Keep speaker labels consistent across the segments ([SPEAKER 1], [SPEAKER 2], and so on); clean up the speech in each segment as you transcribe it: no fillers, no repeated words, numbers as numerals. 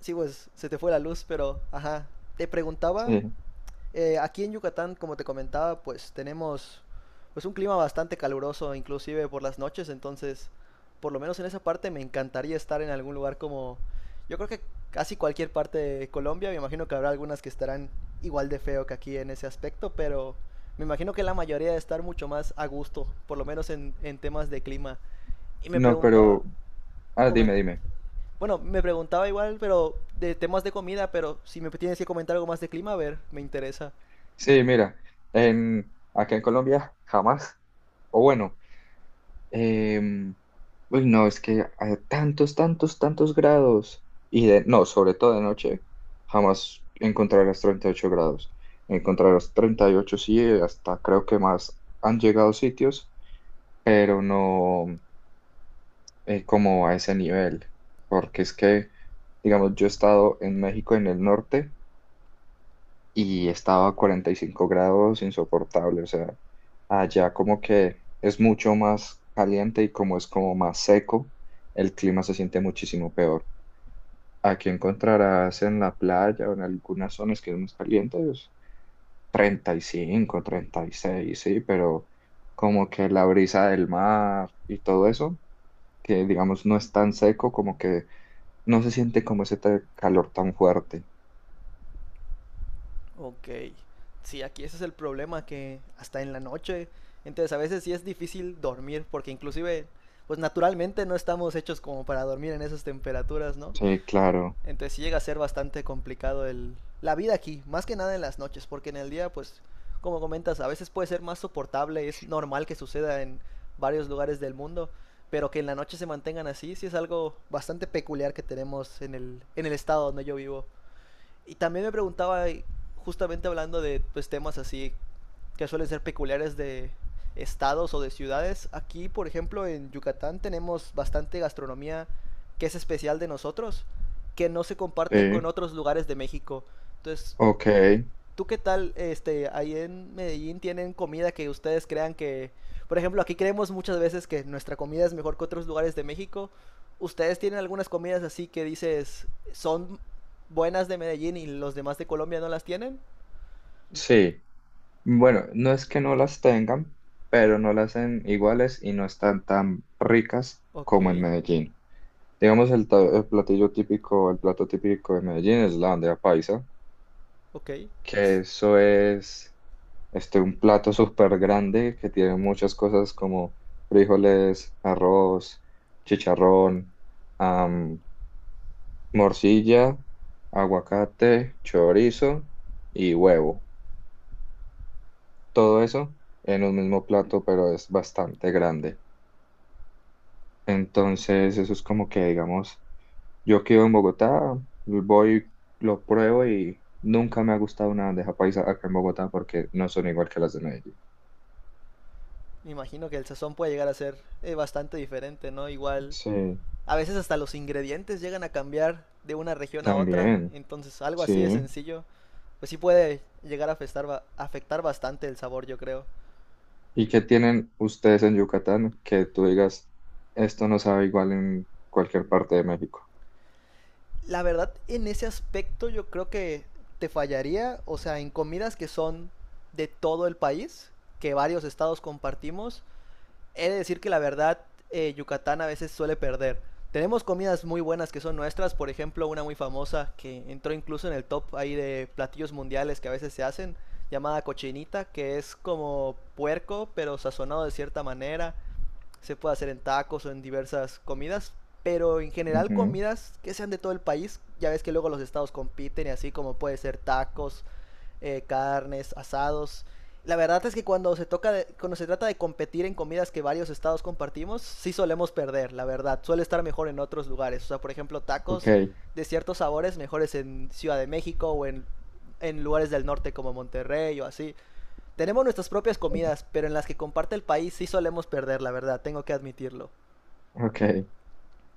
[SPEAKER 1] Sí, pues se te fue la luz, pero ajá. Te preguntaba,
[SPEAKER 2] Eh,
[SPEAKER 1] aquí en Yucatán, como te comentaba, pues tenemos pues un clima bastante caluroso, inclusive por las noches, entonces, por lo menos en esa parte me encantaría estar en algún lugar como, yo creo que casi cualquier parte de Colombia, me imagino que habrá algunas que estarán igual de feo que aquí en ese aspecto, pero me imagino que la mayoría de estar mucho más a gusto, por lo menos en temas de clima. Y me
[SPEAKER 2] no,
[SPEAKER 1] preguntaba,
[SPEAKER 2] pero, ah, dime,
[SPEAKER 1] comen-
[SPEAKER 2] dime.
[SPEAKER 1] bueno, me preguntaba igual, pero de temas de comida, pero si me tienes que comentar algo más de clima, a ver, me interesa.
[SPEAKER 2] Sí, mira, acá en Colombia jamás, o bueno, em, uy, no, es que a tantos, tantos, tantos grados, no, sobre todo de noche, jamás encontrarás 38 grados. Encontrarás 38 sí, hasta creo que más han llegado sitios, pero no como a ese nivel, porque es que, digamos, yo he estado en México en el norte, y estaba a 45 grados insoportable, o sea, allá como que es mucho más caliente y como es como más seco, el clima se siente muchísimo peor. Aquí encontrarás en la playa o en algunas zonas que es más caliente, es 35, 36 sí, pero como que la brisa del mar y todo eso, que digamos no es tan seco, como que no se siente como ese calor tan fuerte.
[SPEAKER 1] Ok. Sí, aquí ese es el problema, que hasta en la noche, entonces a veces sí es difícil dormir, porque inclusive, pues naturalmente no estamos hechos como para dormir en esas temperaturas, ¿no?
[SPEAKER 2] Sí, claro.
[SPEAKER 1] Entonces sí llega a ser bastante complicado la vida aquí, más que nada en las noches, porque en el día, pues, como comentas, a veces puede ser más soportable, es normal que suceda en varios lugares del mundo, pero que en la noche se mantengan así, sí es algo bastante peculiar que tenemos en el estado donde yo vivo. Y también me preguntaba, justamente hablando de pues, temas así que suelen ser peculiares de estados o de ciudades, aquí por ejemplo en Yucatán tenemos bastante gastronomía que es especial de nosotros, que no se comparte con
[SPEAKER 2] Sí,
[SPEAKER 1] otros lugares de México. Entonces,
[SPEAKER 2] ok,
[SPEAKER 1] ¿tú qué tal, ahí en Medellín tienen comida que ustedes crean que, por ejemplo, aquí creemos muchas veces que nuestra comida es mejor que otros lugares de México? ¿Ustedes tienen algunas comidas así que dices son buenas de Medellín y los demás de Colombia no las tienen?
[SPEAKER 2] sí. Bueno, no es que no las tengan, pero no las hacen iguales y no están tan ricas
[SPEAKER 1] Ok,
[SPEAKER 2] como en Medellín. Digamos, el platillo típico, el plato típico de Medellín es la bandeja paisa,
[SPEAKER 1] ok.
[SPEAKER 2] que eso es este, un plato súper grande que tiene muchas cosas como frijoles, arroz, chicharrón, am, morcilla, aguacate, chorizo y huevo. Todo eso en un mismo plato, pero es bastante grande. Entonces, eso es como que, digamos, yo que vivo en Bogotá, voy, lo pruebo y nunca me ha gustado una bandeja paisa acá en Bogotá porque no son igual que las de Medellín.
[SPEAKER 1] Me imagino que el sazón puede llegar a ser bastante diferente, ¿no? Igual
[SPEAKER 2] Sí,
[SPEAKER 1] a veces hasta los ingredientes llegan a cambiar de una región a otra,
[SPEAKER 2] también,
[SPEAKER 1] entonces algo
[SPEAKER 2] sí.
[SPEAKER 1] así de sencillo, pues sí puede llegar a afectar, afectar bastante el sabor, yo creo.
[SPEAKER 2] ¿Y qué tienen ustedes en Yucatán que tú digas, esto no sabe igual en cualquier parte de México?
[SPEAKER 1] La verdad, en ese aspecto yo creo que te fallaría, o sea, en comidas que son de todo el país, que varios estados compartimos, he de decir que la verdad Yucatán a veces suele perder. Tenemos comidas muy buenas que son nuestras, por ejemplo, una muy famosa que entró incluso en el top ahí de platillos mundiales que a veces se hacen, llamada cochinita, que es como puerco, pero sazonado de cierta manera. Se puede hacer en tacos o en diversas comidas, pero en general
[SPEAKER 2] Ujú,
[SPEAKER 1] comidas que sean de todo el país. Ya ves que luego los estados compiten y así como puede ser tacos, carnes, asados. La verdad es que cuando cuando se trata de competir en comidas que varios estados compartimos, sí solemos perder, la verdad. Suele estar mejor en otros lugares. O sea, por ejemplo,
[SPEAKER 2] ok,
[SPEAKER 1] tacos de ciertos sabores mejores en Ciudad de México o en lugares del norte como Monterrey o así. Tenemos nuestras propias comidas, pero en las que comparte el país sí solemos perder, la verdad, tengo que admitirlo.
[SPEAKER 2] ok.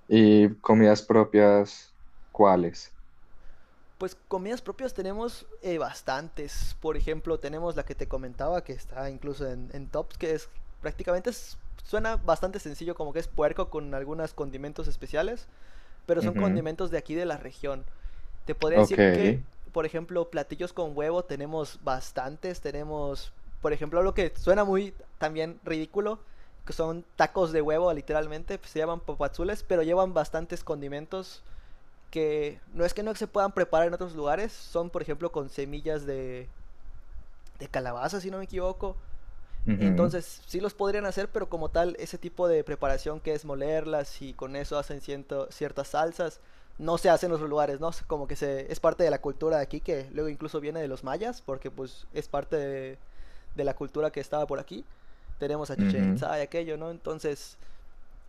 [SPEAKER 2] ¿Y comidas propias, cuáles?
[SPEAKER 1] Pues comidas propias tenemos bastantes. Por ejemplo, tenemos la que te comentaba, que está incluso en tops, que es prácticamente es- suena bastante sencillo, como que es puerco con algunos condimentos especiales, pero son
[SPEAKER 2] Ujú,
[SPEAKER 1] condimentos de aquí de la región. Te podría
[SPEAKER 2] ok,
[SPEAKER 1] decir que, por ejemplo, platillos con huevo tenemos bastantes. Tenemos, por ejemplo, lo que suena muy también ridículo, que son tacos de huevo, literalmente. Pues, se llaman papazules, pero llevan bastantes condimentos que no es que no se puedan preparar en otros lugares, son por ejemplo con semillas de, calabaza, si no me equivoco.
[SPEAKER 2] ujú,
[SPEAKER 1] Entonces sí los podrían hacer, pero como tal, ese tipo de preparación que es molerlas y con eso hacen ciertas salsas, no se hace en otros lugares, ¿no? Como que es parte de la cultura de aquí, que luego incluso viene de los mayas, porque pues es parte de, la cultura que estaba por aquí. Tenemos a Chichen
[SPEAKER 2] ujú,
[SPEAKER 1] Itza y aquello, ¿no? Entonces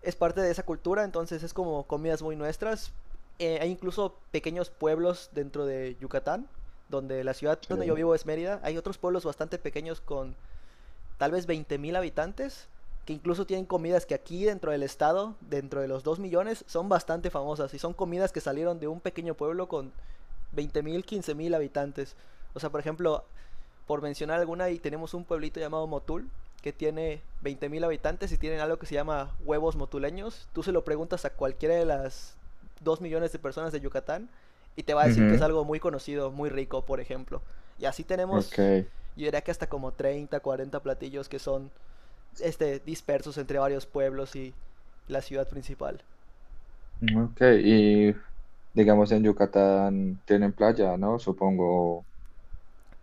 [SPEAKER 1] es parte de esa cultura, entonces es como comidas muy nuestras. Hay incluso pequeños pueblos dentro de Yucatán, donde la ciudad donde yo
[SPEAKER 2] sí,
[SPEAKER 1] vivo es Mérida. Hay otros pueblos bastante pequeños con tal vez 20.000 habitantes, que incluso tienen comidas que aquí dentro del estado, dentro de los 2 millones, son bastante famosas. Y son comidas que salieron de un pequeño pueblo con 20.000 15.000 habitantes. O sea, por ejemplo, por mencionar alguna, y tenemos un pueblito llamado Motul, que tiene 20.000 habitantes y tienen algo que se llama huevos motuleños. Tú se lo preguntas a cualquiera de las 2 millones de personas de Yucatán y te va a decir que es
[SPEAKER 2] ujú,
[SPEAKER 1] algo muy conocido, muy rico, por ejemplo. Y así
[SPEAKER 2] ok.
[SPEAKER 1] tenemos, yo diría que hasta como 30, 40 platillos que son este, dispersos entre varios pueblos y la ciudad principal.
[SPEAKER 2] Ok, y digamos en Yucatán tienen playa, ¿no? Supongo.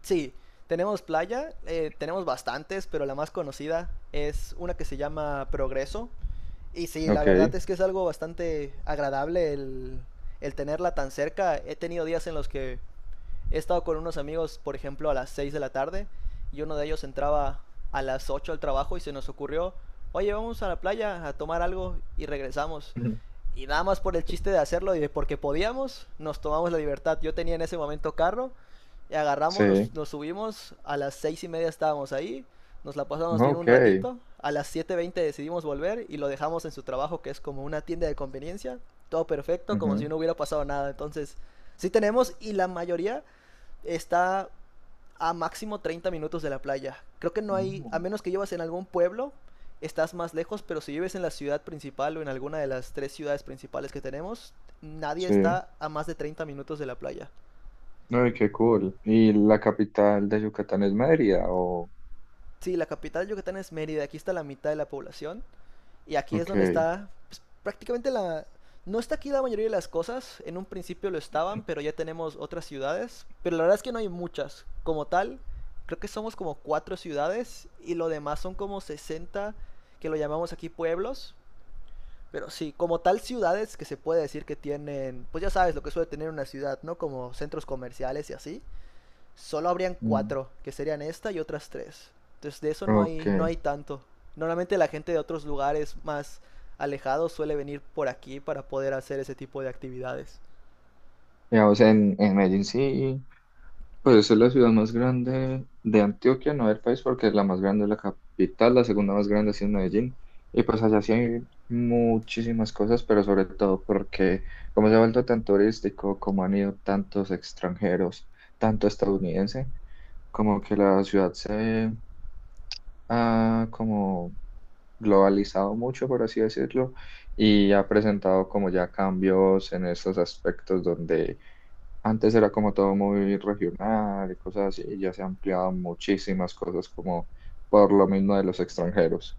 [SPEAKER 1] Sí, tenemos playa, tenemos bastantes, pero la más conocida es una que se llama Progreso. Y sí, la
[SPEAKER 2] Ok.
[SPEAKER 1] verdad es que es algo bastante agradable el tenerla tan cerca. He tenido días en los que he estado con unos amigos, por ejemplo, a las 6 de la tarde y uno de ellos entraba a las 8 al trabajo y se nos ocurrió, oye, vamos a la playa a tomar algo y regresamos.
[SPEAKER 2] Ujú.
[SPEAKER 1] Y nada más por el chiste de hacerlo y de porque podíamos, nos tomamos la libertad. Yo tenía en ese momento carro y agarramos, nos,
[SPEAKER 2] Sí.
[SPEAKER 1] nos subimos, a las 6:30 estábamos ahí, nos la pasamos bien un
[SPEAKER 2] Ok.
[SPEAKER 1] ratito, a las 7:20 decidimos volver y lo dejamos en su trabajo que es como una tienda de conveniencia, todo perfecto, como si
[SPEAKER 2] Ujú.
[SPEAKER 1] no hubiera pasado nada. Entonces, sí tenemos y la mayoría está a máximo 30 minutos de la playa. Creo que no hay, a
[SPEAKER 2] Mm,
[SPEAKER 1] menos que llevas en algún pueblo, estás más lejos, pero si vives en la ciudad principal o en alguna de las tres ciudades principales que tenemos, nadie
[SPEAKER 2] sí.
[SPEAKER 1] está a más de 30 minutos de la playa.
[SPEAKER 2] Ay, qué cool. ¿Y la capital de Yucatán es Mérida o...?
[SPEAKER 1] Sí, la capital de Yucatán es Mérida, aquí está la mitad de la población. Y aquí es donde
[SPEAKER 2] Ok.
[SPEAKER 1] está pues, prácticamente la... No está aquí la mayoría de las cosas, en un principio lo estaban, pero ya tenemos otras ciudades, pero la verdad es que no hay muchas. Como tal, creo que somos como cuatro ciudades y lo demás son como 60 que lo llamamos aquí pueblos, pero sí, como tal ciudades que se puede decir que tienen, pues ya sabes lo que suele tener una ciudad, ¿no? Como centros comerciales y así solo habrían
[SPEAKER 2] Mm,
[SPEAKER 1] cuatro, que serían esta y otras tres. Entonces de eso no
[SPEAKER 2] ok.
[SPEAKER 1] hay, no hay tanto. Normalmente la gente de otros lugares más alejados suele venir por aquí para poder hacer ese tipo de actividades.
[SPEAKER 2] Digamos en Medellín sí. Pues es la ciudad más grande de Antioquia, no del país, porque la más grande es la capital, la segunda más grande sí es Medellín. Y pues allá sí hay muchísimas cosas, pero sobre todo porque como se ha vuelto tan turístico, como han ido tantos extranjeros, tanto estadounidense, como que la ciudad se ha como globalizado mucho, por así decirlo, y ha presentado como ya cambios en esos aspectos donde antes era como todo muy regional y cosas así, y ya se han ampliado muchísimas cosas como por lo mismo de los extranjeros.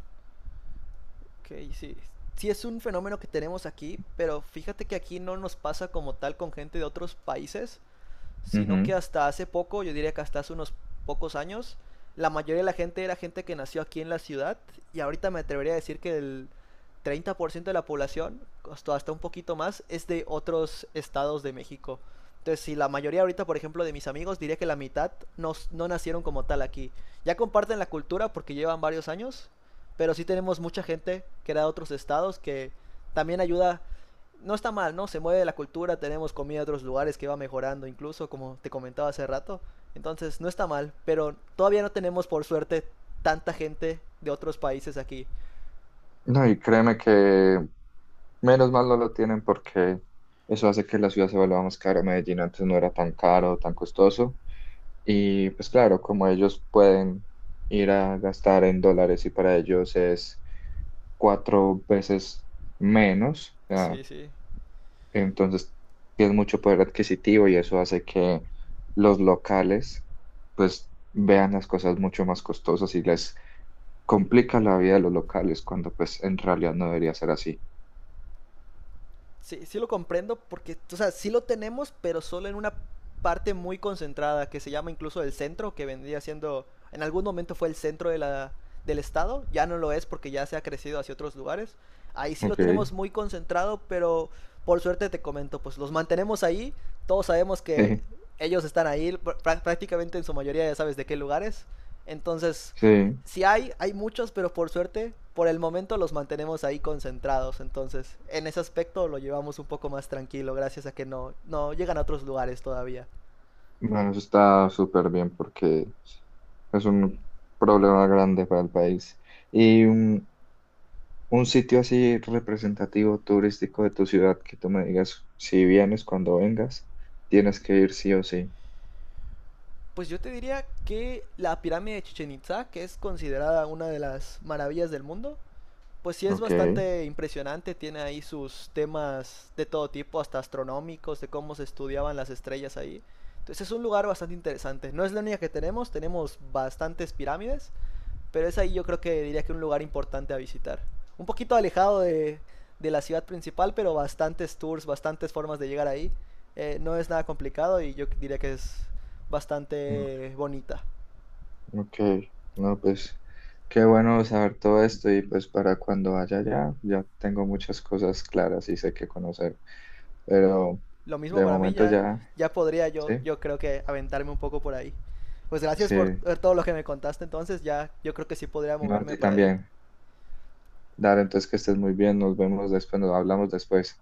[SPEAKER 1] Ok, sí. Sí es un fenómeno que tenemos aquí, pero fíjate que aquí no nos pasa como tal con gente de otros países, sino que
[SPEAKER 2] Ujú.
[SPEAKER 1] hasta hace poco, yo diría que hasta hace unos pocos años, la mayoría de la gente era gente que nació aquí en la ciudad y ahorita me atrevería a decir que el 30% de la población, hasta un poquito más, es de otros estados de México. Entonces, si la mayoría ahorita, por ejemplo, de mis amigos, diría que la mitad no nacieron como tal aquí. Ya comparten la cultura porque llevan varios años, pero sí tenemos mucha gente que era de otros estados que también ayuda, no está mal, ¿no? Se mueve la cultura, tenemos comida de otros lugares que va mejorando incluso, como te comentaba hace rato. Entonces, no está mal, pero todavía no tenemos, por suerte, tanta gente de otros países aquí.
[SPEAKER 2] No, y créeme que menos mal no lo tienen porque eso hace que la ciudad se vuelva más cara. Medellín antes no era tan caro, tan costoso. Y pues claro, como ellos pueden ir a gastar en dólares y para ellos es cuatro veces menos, o
[SPEAKER 1] Sí,
[SPEAKER 2] sea,
[SPEAKER 1] sí.
[SPEAKER 2] entonces, tienes mucho poder adquisitivo y eso hace que los locales, pues, vean las cosas mucho más costosas y les complica la vida a los locales cuando, pues, en realidad no debería ser así.
[SPEAKER 1] Sí, sí lo comprendo porque, o sea, sí lo tenemos, pero solo en una parte muy concentrada que se llama incluso el centro, que vendría siendo, en algún momento fue el centro de la, del estado, ya no lo es porque ya se ha crecido hacia otros lugares. Ahí sí lo
[SPEAKER 2] Ok.
[SPEAKER 1] tenemos muy concentrado, pero por suerte te comento, pues los mantenemos ahí, todos sabemos que
[SPEAKER 2] Eh,
[SPEAKER 1] ellos están ahí pr prácticamente en su mayoría, ya sabes de qué lugares. Entonces,
[SPEAKER 2] sí.
[SPEAKER 1] si hay muchos, pero por suerte, por el momento los mantenemos ahí concentrados. Entonces, en ese aspecto lo llevamos un poco más tranquilo, gracias a que no, no llegan a otros lugares todavía.
[SPEAKER 2] Bueno, eso está súper bien porque es un problema grande para el país. Y un sitio así representativo turístico de tu ciudad que tú me digas, si vienes cuando vengas, tienes que ir sí o sí.
[SPEAKER 1] Pues yo te diría que la pirámide de Chichen Itza, que es considerada una de las maravillas del mundo, pues sí es
[SPEAKER 2] Ok.
[SPEAKER 1] bastante impresionante, tiene ahí sus temas de todo tipo, hasta astronómicos, de cómo se estudiaban las estrellas ahí. Entonces es un lugar bastante interesante. No es la única que tenemos, tenemos bastantes pirámides, pero es ahí yo creo que diría que un lugar importante a visitar. Un poquito alejado de, la ciudad principal, pero bastantes tours, bastantes formas de llegar ahí. No es nada complicado y yo diría que es bastante bonita.
[SPEAKER 2] Ok, no, pues qué bueno saber todo esto y pues para cuando vaya allá ya tengo muchas cosas claras y sé qué conocer, pero
[SPEAKER 1] Lo mismo
[SPEAKER 2] de
[SPEAKER 1] para mí,
[SPEAKER 2] momento
[SPEAKER 1] ya,
[SPEAKER 2] ya,
[SPEAKER 1] ya podría
[SPEAKER 2] sí,
[SPEAKER 1] yo creo que aventarme un poco por ahí. Pues gracias
[SPEAKER 2] sí,
[SPEAKER 1] por todo lo que me contaste entonces, ya yo creo que sí podría
[SPEAKER 2] no, a
[SPEAKER 1] moverme
[SPEAKER 2] ti
[SPEAKER 1] por ahí.
[SPEAKER 2] también. Dale, entonces que estés muy bien, nos vemos después, nos hablamos después.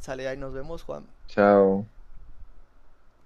[SPEAKER 1] Sale ahí, nos vemos, Juan.
[SPEAKER 2] Chao.